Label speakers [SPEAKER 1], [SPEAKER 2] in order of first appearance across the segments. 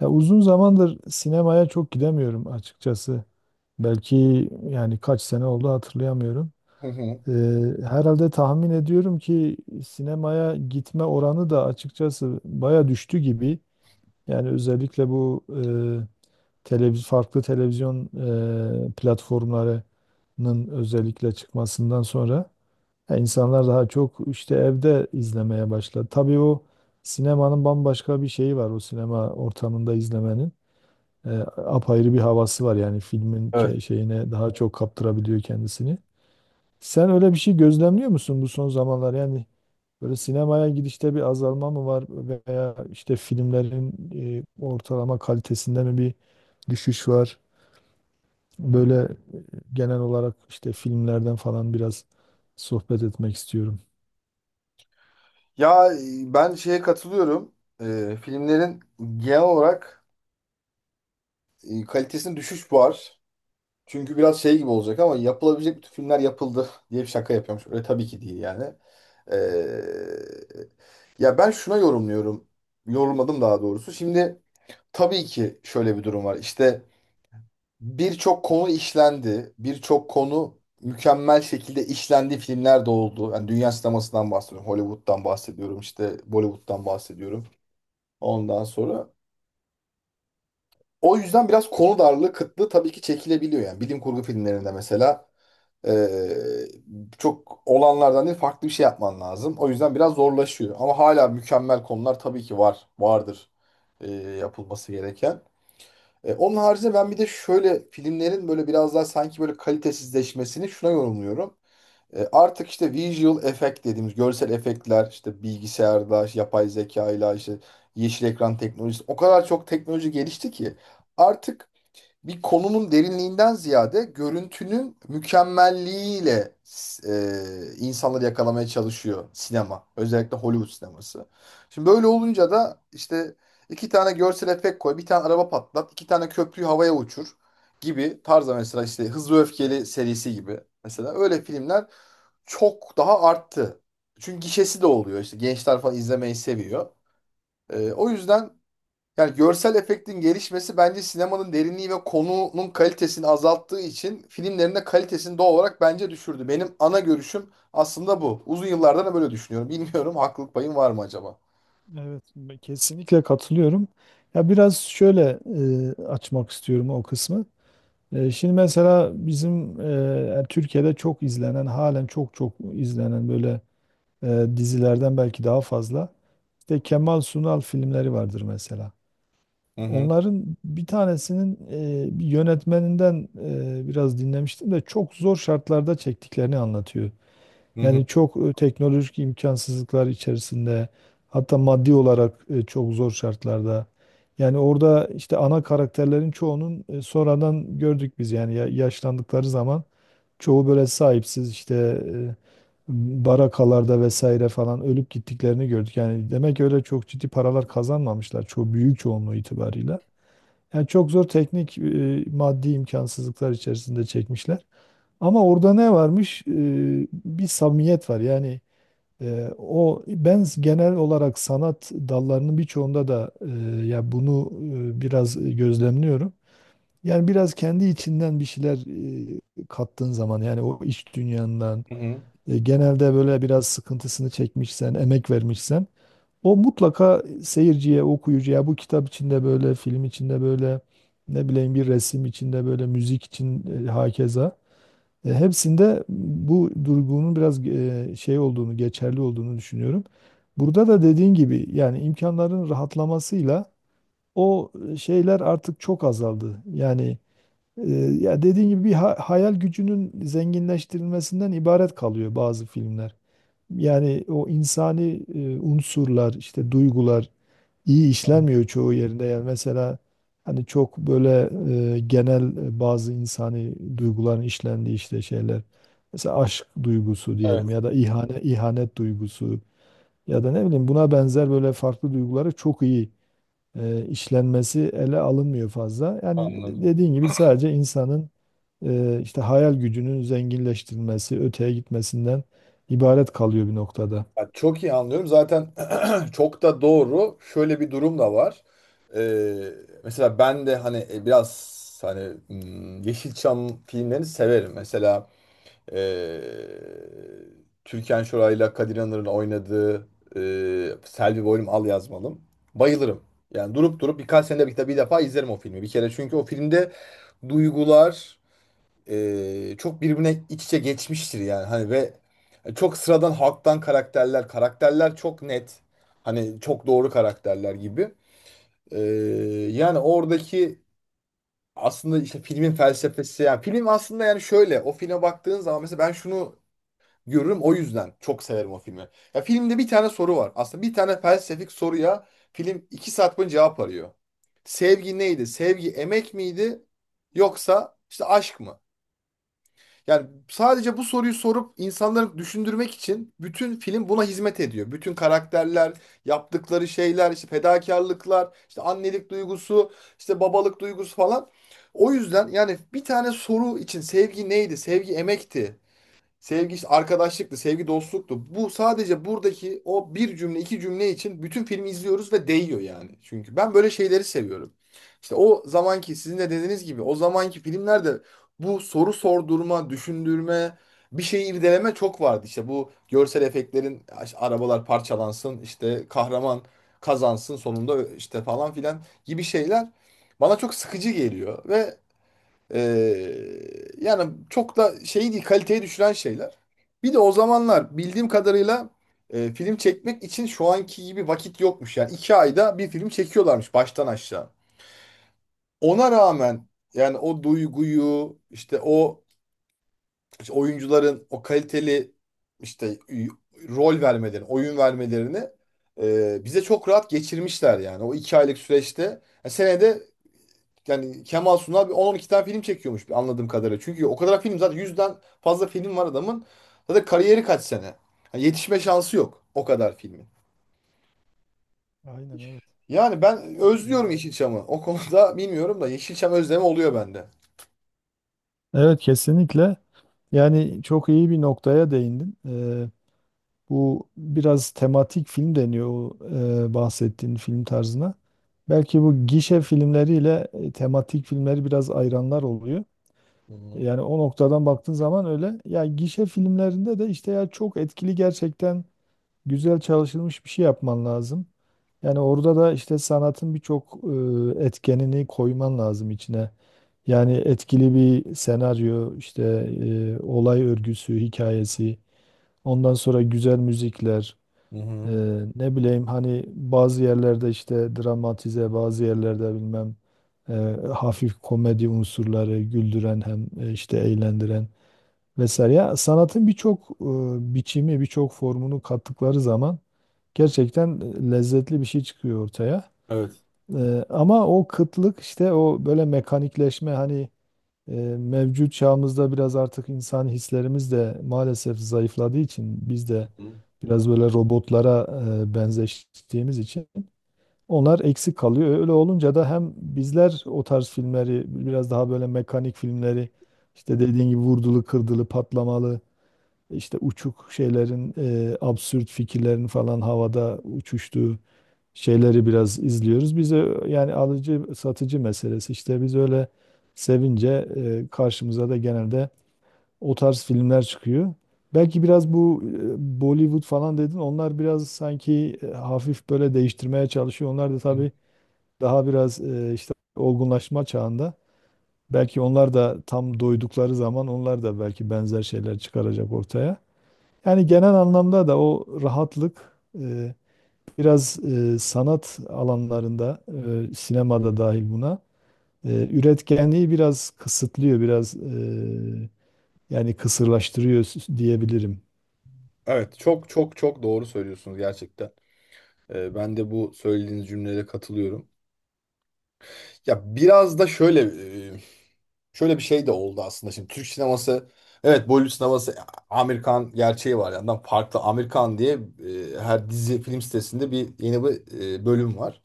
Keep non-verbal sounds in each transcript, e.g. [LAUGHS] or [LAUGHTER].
[SPEAKER 1] Ya uzun zamandır sinemaya çok gidemiyorum açıkçası. Belki yani kaç sene oldu hatırlayamıyorum.
[SPEAKER 2] Hı hı.
[SPEAKER 1] Ee, Herhalde tahmin ediyorum ki sinemaya gitme oranı da açıkçası baya düştü gibi. Yani özellikle bu e, farklı televizyon platformlarının özellikle çıkmasından sonra ya insanlar daha çok işte evde izlemeye başladı. Tabii o sinemanın bambaşka bir şeyi var, o sinema ortamında izlemenin e, apayrı bir havası var. Yani filmin
[SPEAKER 2] Evet.
[SPEAKER 1] şeyine daha çok kaptırabiliyor kendisini. Sen öyle bir şey gözlemliyor musun bu son zamanlar? Yani böyle sinemaya gidişte bir azalma mı var, veya işte filmlerin ortalama kalitesinde mi bir düşüş var? Böyle genel olarak işte filmlerden falan biraz sohbet etmek istiyorum.
[SPEAKER 2] Ya ben şeye katılıyorum. Filmlerin genel olarak kalitesinde düşüş var. Çünkü biraz şey gibi olacak ama yapılabilecek bütün filmler yapıldı [LAUGHS] diye bir şaka yapıyormuş. Öyle tabii ki değil yani. E, ya ben şuna yorumluyorum. Yorumladım daha doğrusu. Şimdi tabii ki şöyle bir durum var. İşte birçok konu işlendi. Birçok konu mükemmel şekilde işlendiği filmler de oldu. Yani dünya sinemasından bahsediyorum. Hollywood'dan bahsediyorum. İşte Bollywood'dan bahsediyorum. Ondan sonra o yüzden biraz konu darlığı, kıtlığı tabii ki çekilebiliyor yani. Bilim kurgu filmlerinde mesela eee, çok olanlardan değil farklı bir şey yapman lazım. O yüzden biraz zorlaşıyor. Ama hala mükemmel konular tabii ki var, vardır eee, yapılması gereken. Onun haricinde ben bir de şöyle filmlerin böyle biraz daha sanki böyle kalitesizleşmesini şuna yorumluyorum. Artık işte visual effect dediğimiz görsel efektler işte bilgisayarda, işte yapay zekayla, işte yeşil ekran teknolojisi o kadar çok teknoloji gelişti ki artık bir konunun derinliğinden ziyade görüntünün mükemmelliğiyle insanları yakalamaya çalışıyor sinema. Özellikle Hollywood sineması. Şimdi böyle olunca da işte iki tane görsel efekt koy, bir tane araba patlat, iki tane köprüyü havaya uçur gibi tarzda mesela işte Hızlı ve Öfkeli serisi gibi. Mesela öyle filmler çok daha arttı. Çünkü gişesi de oluyor işte gençler falan izlemeyi seviyor. O yüzden yani görsel efektin gelişmesi bence sinemanın derinliği ve konunun kalitesini azalttığı için filmlerin de kalitesini doğal olarak bence düşürdü. Benim ana görüşüm aslında bu. Uzun yıllardan da böyle düşünüyorum. [LAUGHS] Bilmiyorum haklılık payım var mı acaba?
[SPEAKER 1] Evet, ben kesinlikle katılıyorum. Ya biraz şöyle açmak istiyorum o kısmı. Şimdi mesela bizim yani Türkiye'de çok izlenen, halen çok çok izlenen böyle dizilerden belki daha fazla. İşte Kemal Sunal filmleri vardır mesela.
[SPEAKER 2] Hı hı,
[SPEAKER 1] Onların bir tanesinin bir yönetmeninden biraz dinlemiştim de çok zor şartlarda çektiklerini anlatıyor.
[SPEAKER 2] hı hı,
[SPEAKER 1] Yani çok teknolojik imkansızlıklar içerisinde, hatta maddi olarak çok zor şartlarda. Yani orada işte ana karakterlerin çoğunun sonradan gördük biz yani yaşlandıkları zaman çoğu böyle sahipsiz işte barakalarda vesaire falan ölüp gittiklerini gördük. Yani demek ki öyle çok ciddi paralar kazanmamışlar çoğu, büyük çoğunluğu itibarıyla. Yani çok zor teknik maddi imkansızlıklar içerisinde çekmişler. Ama orada ne varmış? Bir samimiyet var. Yani o ben genel olarak sanat dallarının birçoğunda da ya bunu biraz gözlemliyorum. Yani biraz kendi içinden bir şeyler kattığın zaman yani o iç dünyandan
[SPEAKER 2] hı hı.
[SPEAKER 1] genelde böyle biraz sıkıntısını çekmişsen, emek vermişsen o mutlaka seyirciye, okuyucuya bu kitap içinde böyle, film içinde böyle, ne bileyim bir resim içinde böyle, müzik için hakeza. Hepsinde bu durgunun biraz şey olduğunu, geçerli olduğunu düşünüyorum. Burada da dediğin gibi yani imkanların rahatlamasıyla o şeyler artık çok azaldı. Yani e, ya dediğin gibi bir hayal gücünün zenginleştirilmesinden ibaret kalıyor bazı filmler. Yani o insani unsurlar, işte duygular iyi işlenmiyor çoğu yerinde. Yani mesela hani çok böyle genel bazı insani duyguların işlendiği işte şeyler. Mesela aşk duygusu diyelim
[SPEAKER 2] Evet,
[SPEAKER 1] ya da ihanet duygusu ya da ne bileyim buna benzer böyle farklı duyguları çok iyi işlenmesi ele alınmıyor fazla. Yani
[SPEAKER 2] anladım.
[SPEAKER 1] dediğin gibi sadece insanın işte hayal gücünün zenginleştirilmesi, öteye gitmesinden ibaret kalıyor bir noktada.
[SPEAKER 2] Ya çok iyi anlıyorum. Zaten [CLEARS THROAT] çok da doğru. Şöyle bir durum da var. Ee, mesela ben de hani biraz hani Yeşilçam filmlerini severim. Mesela Ee, Türkan Şoray'la Kadir İnanır'ın oynadığı e, Selvi Boylum Al Yazmalım. Bayılırım. Yani durup durup birkaç senede bir, bir defa izlerim o filmi. Bir kere çünkü o filmde duygular e, çok birbirine iç içe geçmiştir yani. Hani ve çok sıradan halktan karakterler, karakterler çok net. Hani çok doğru karakterler gibi. Ee, yani oradaki aslında işte filmin felsefesi yani film aslında yani şöyle o filme baktığın zaman mesela ben şunu görürüm. O yüzden çok severim o filmi. Ya filmde bir tane soru var. Aslında bir tane felsefik soruya film 2 saat boyunca cevap arıyor. Sevgi neydi? Sevgi emek miydi? Yoksa işte aşk mı? Yani sadece bu soruyu sorup insanları düşündürmek için bütün film buna hizmet ediyor. Bütün karakterler, yaptıkları şeyler, işte fedakarlıklar, işte annelik duygusu, işte babalık duygusu falan. O yüzden yani bir tane soru için sevgi neydi? Sevgi emekti. Sevgi işte arkadaşlıktı, sevgi dostluktu. Bu sadece buradaki o bir cümle, iki cümle için bütün filmi izliyoruz ve değiyor yani. Çünkü ben böyle şeyleri seviyorum. İşte o zamanki sizin de dediğiniz gibi o zamanki filmlerde bu soru sordurma, düşündürme, bir şeyi irdeleme çok vardı. İşte bu görsel efektlerin işte arabalar parçalansın, işte kahraman kazansın sonunda işte falan filan gibi şeyler bana çok sıkıcı geliyor ve ee, yani çok da şey değil, kaliteyi düşüren şeyler. Bir de o zamanlar bildiğim kadarıyla film çekmek için şu anki gibi vakit yokmuş. Yani 2 ayda bir film çekiyorlarmış baştan aşağı. Ona rağmen yani o duyguyu işte o işte oyuncuların o kaliteli işte rol vermelerini, oyun vermelerini bize çok rahat geçirmişler yani. O 2 aylık süreçte yani senede yani Kemal Sunal bir 10-12 tane film çekiyormuş bir anladığım kadarıyla. Çünkü o kadar film zaten 100'den fazla film var adamın. Zaten kariyeri kaç sene. Yani yetişme şansı yok o kadar filmin.
[SPEAKER 1] Aynen evet.
[SPEAKER 2] Yani ben özlüyorum
[SPEAKER 1] Yani
[SPEAKER 2] Yeşilçam'ı. O konuda bilmiyorum da Yeşilçam özlemi oluyor bende.
[SPEAKER 1] evet kesinlikle. Yani çok iyi bir noktaya değindin. Bu biraz tematik film deniyor o bahsettiğin film tarzına. Belki bu gişe filmleriyle tematik filmleri biraz ayıranlar oluyor.
[SPEAKER 2] Hı hı.
[SPEAKER 1] Yani o noktadan baktığın zaman öyle. Ya gişe filmlerinde de işte ya çok etkili, gerçekten güzel çalışılmış bir şey yapman lazım. Yani orada da işte sanatın birçok etkenini koyman lazım içine. Yani etkili bir senaryo, işte olay örgüsü, hikayesi, ondan sonra güzel müzikler,
[SPEAKER 2] Hı
[SPEAKER 1] e,
[SPEAKER 2] hı.
[SPEAKER 1] ne bileyim hani bazı yerlerde işte dramatize, bazı yerlerde bilmem e, hafif komedi unsurları güldüren, hem işte eğlendiren vesaire. Ya sanatın birçok biçimi, birçok formunu kattıkları zaman gerçekten lezzetli bir şey çıkıyor ortaya.
[SPEAKER 2] Evet.
[SPEAKER 1] Ama o kıtlık işte, o böyle mekanikleşme hani e, mevcut çağımızda biraz artık insan hislerimiz de maalesef zayıfladığı için biz de
[SPEAKER 2] Hı hı.
[SPEAKER 1] biraz böyle robotlara benzeştiğimiz için onlar eksik kalıyor. Öyle olunca da hem bizler o tarz filmleri, biraz daha böyle mekanik filmleri, işte dediğin gibi vurdulu, kırdılı, patlamalı, işte uçuk şeylerin, absürt fikirlerin falan havada uçuştuğu şeyleri biraz izliyoruz. Bize yani alıcı satıcı meselesi, işte biz öyle sevince karşımıza da genelde o tarz filmler çıkıyor. Belki biraz bu Bollywood falan dedin, onlar biraz sanki hafif böyle değiştirmeye çalışıyor. Onlar da tabii daha biraz işte olgunlaşma çağında. Belki onlar da tam doydukları zaman onlar da belki benzer şeyler çıkaracak ortaya. Yani genel anlamda da o rahatlık biraz sanat alanlarında, sinemada dahil buna, üretkenliği biraz kısıtlıyor, biraz yani kısırlaştırıyor diyebilirim.
[SPEAKER 2] Evet, çok çok çok doğru söylüyorsunuz gerçekten. Ben de bu söylediğiniz cümlelere katılıyorum. Ya biraz da şöyle bir şey de oldu aslında. Şimdi Türk sineması evet Bollywood sineması Amerikan gerçeği var. Yandan farklı Amerikan diye her dizi film sitesinde bir yeni bir bölüm var.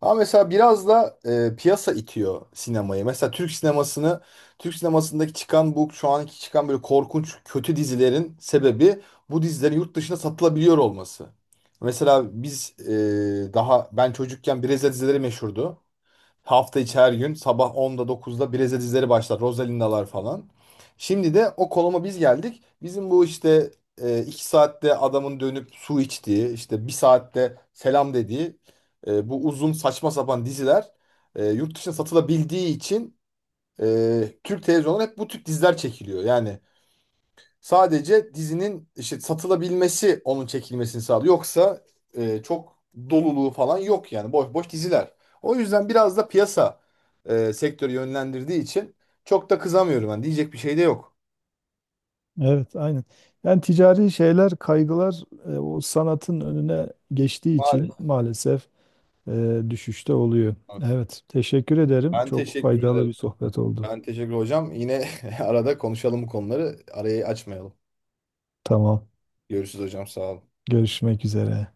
[SPEAKER 2] Ama mesela biraz da piyasa itiyor sinemayı. Mesela Türk sinemasındaki çıkan bu şu anki çıkan böyle korkunç kötü dizilerin sebebi bu dizilerin yurt dışına satılabiliyor olması. Mesela biz daha ben çocukken Brezilya dizileri meşhurdu. Hafta içi her gün sabah 10'da 9'da Breze dizileri başlar. Rosalinda'lar falan. Şimdi de o konuma biz geldik. Bizim bu işte 2 saatte adamın dönüp su içtiği, işte 1 saatte selam dediği bu uzun saçma sapan diziler yurt dışına satılabildiği için Türk televizyonları hep bu tip diziler çekiliyor. Yani sadece dizinin işte satılabilmesi onun çekilmesini sağlıyor. Yoksa çok doluluğu falan yok yani boş boş diziler. O yüzden biraz da piyasa sektörü yönlendirdiği için çok da kızamıyorum ben. Diyecek bir şey de yok.
[SPEAKER 1] Evet, aynen. Yani ticari şeyler, kaygılar o sanatın önüne geçtiği için
[SPEAKER 2] Maalesef.
[SPEAKER 1] maalesef düşüşte oluyor.
[SPEAKER 2] Evet.
[SPEAKER 1] Evet, teşekkür ederim.
[SPEAKER 2] Ben
[SPEAKER 1] Çok
[SPEAKER 2] teşekkür
[SPEAKER 1] faydalı
[SPEAKER 2] ederim.
[SPEAKER 1] bir sohbet oldu.
[SPEAKER 2] Ben teşekkür hocam. Yine [LAUGHS] arada konuşalım bu konuları. Arayı açmayalım.
[SPEAKER 1] Tamam,
[SPEAKER 2] Görüşürüz hocam. Sağ olun.
[SPEAKER 1] görüşmek üzere.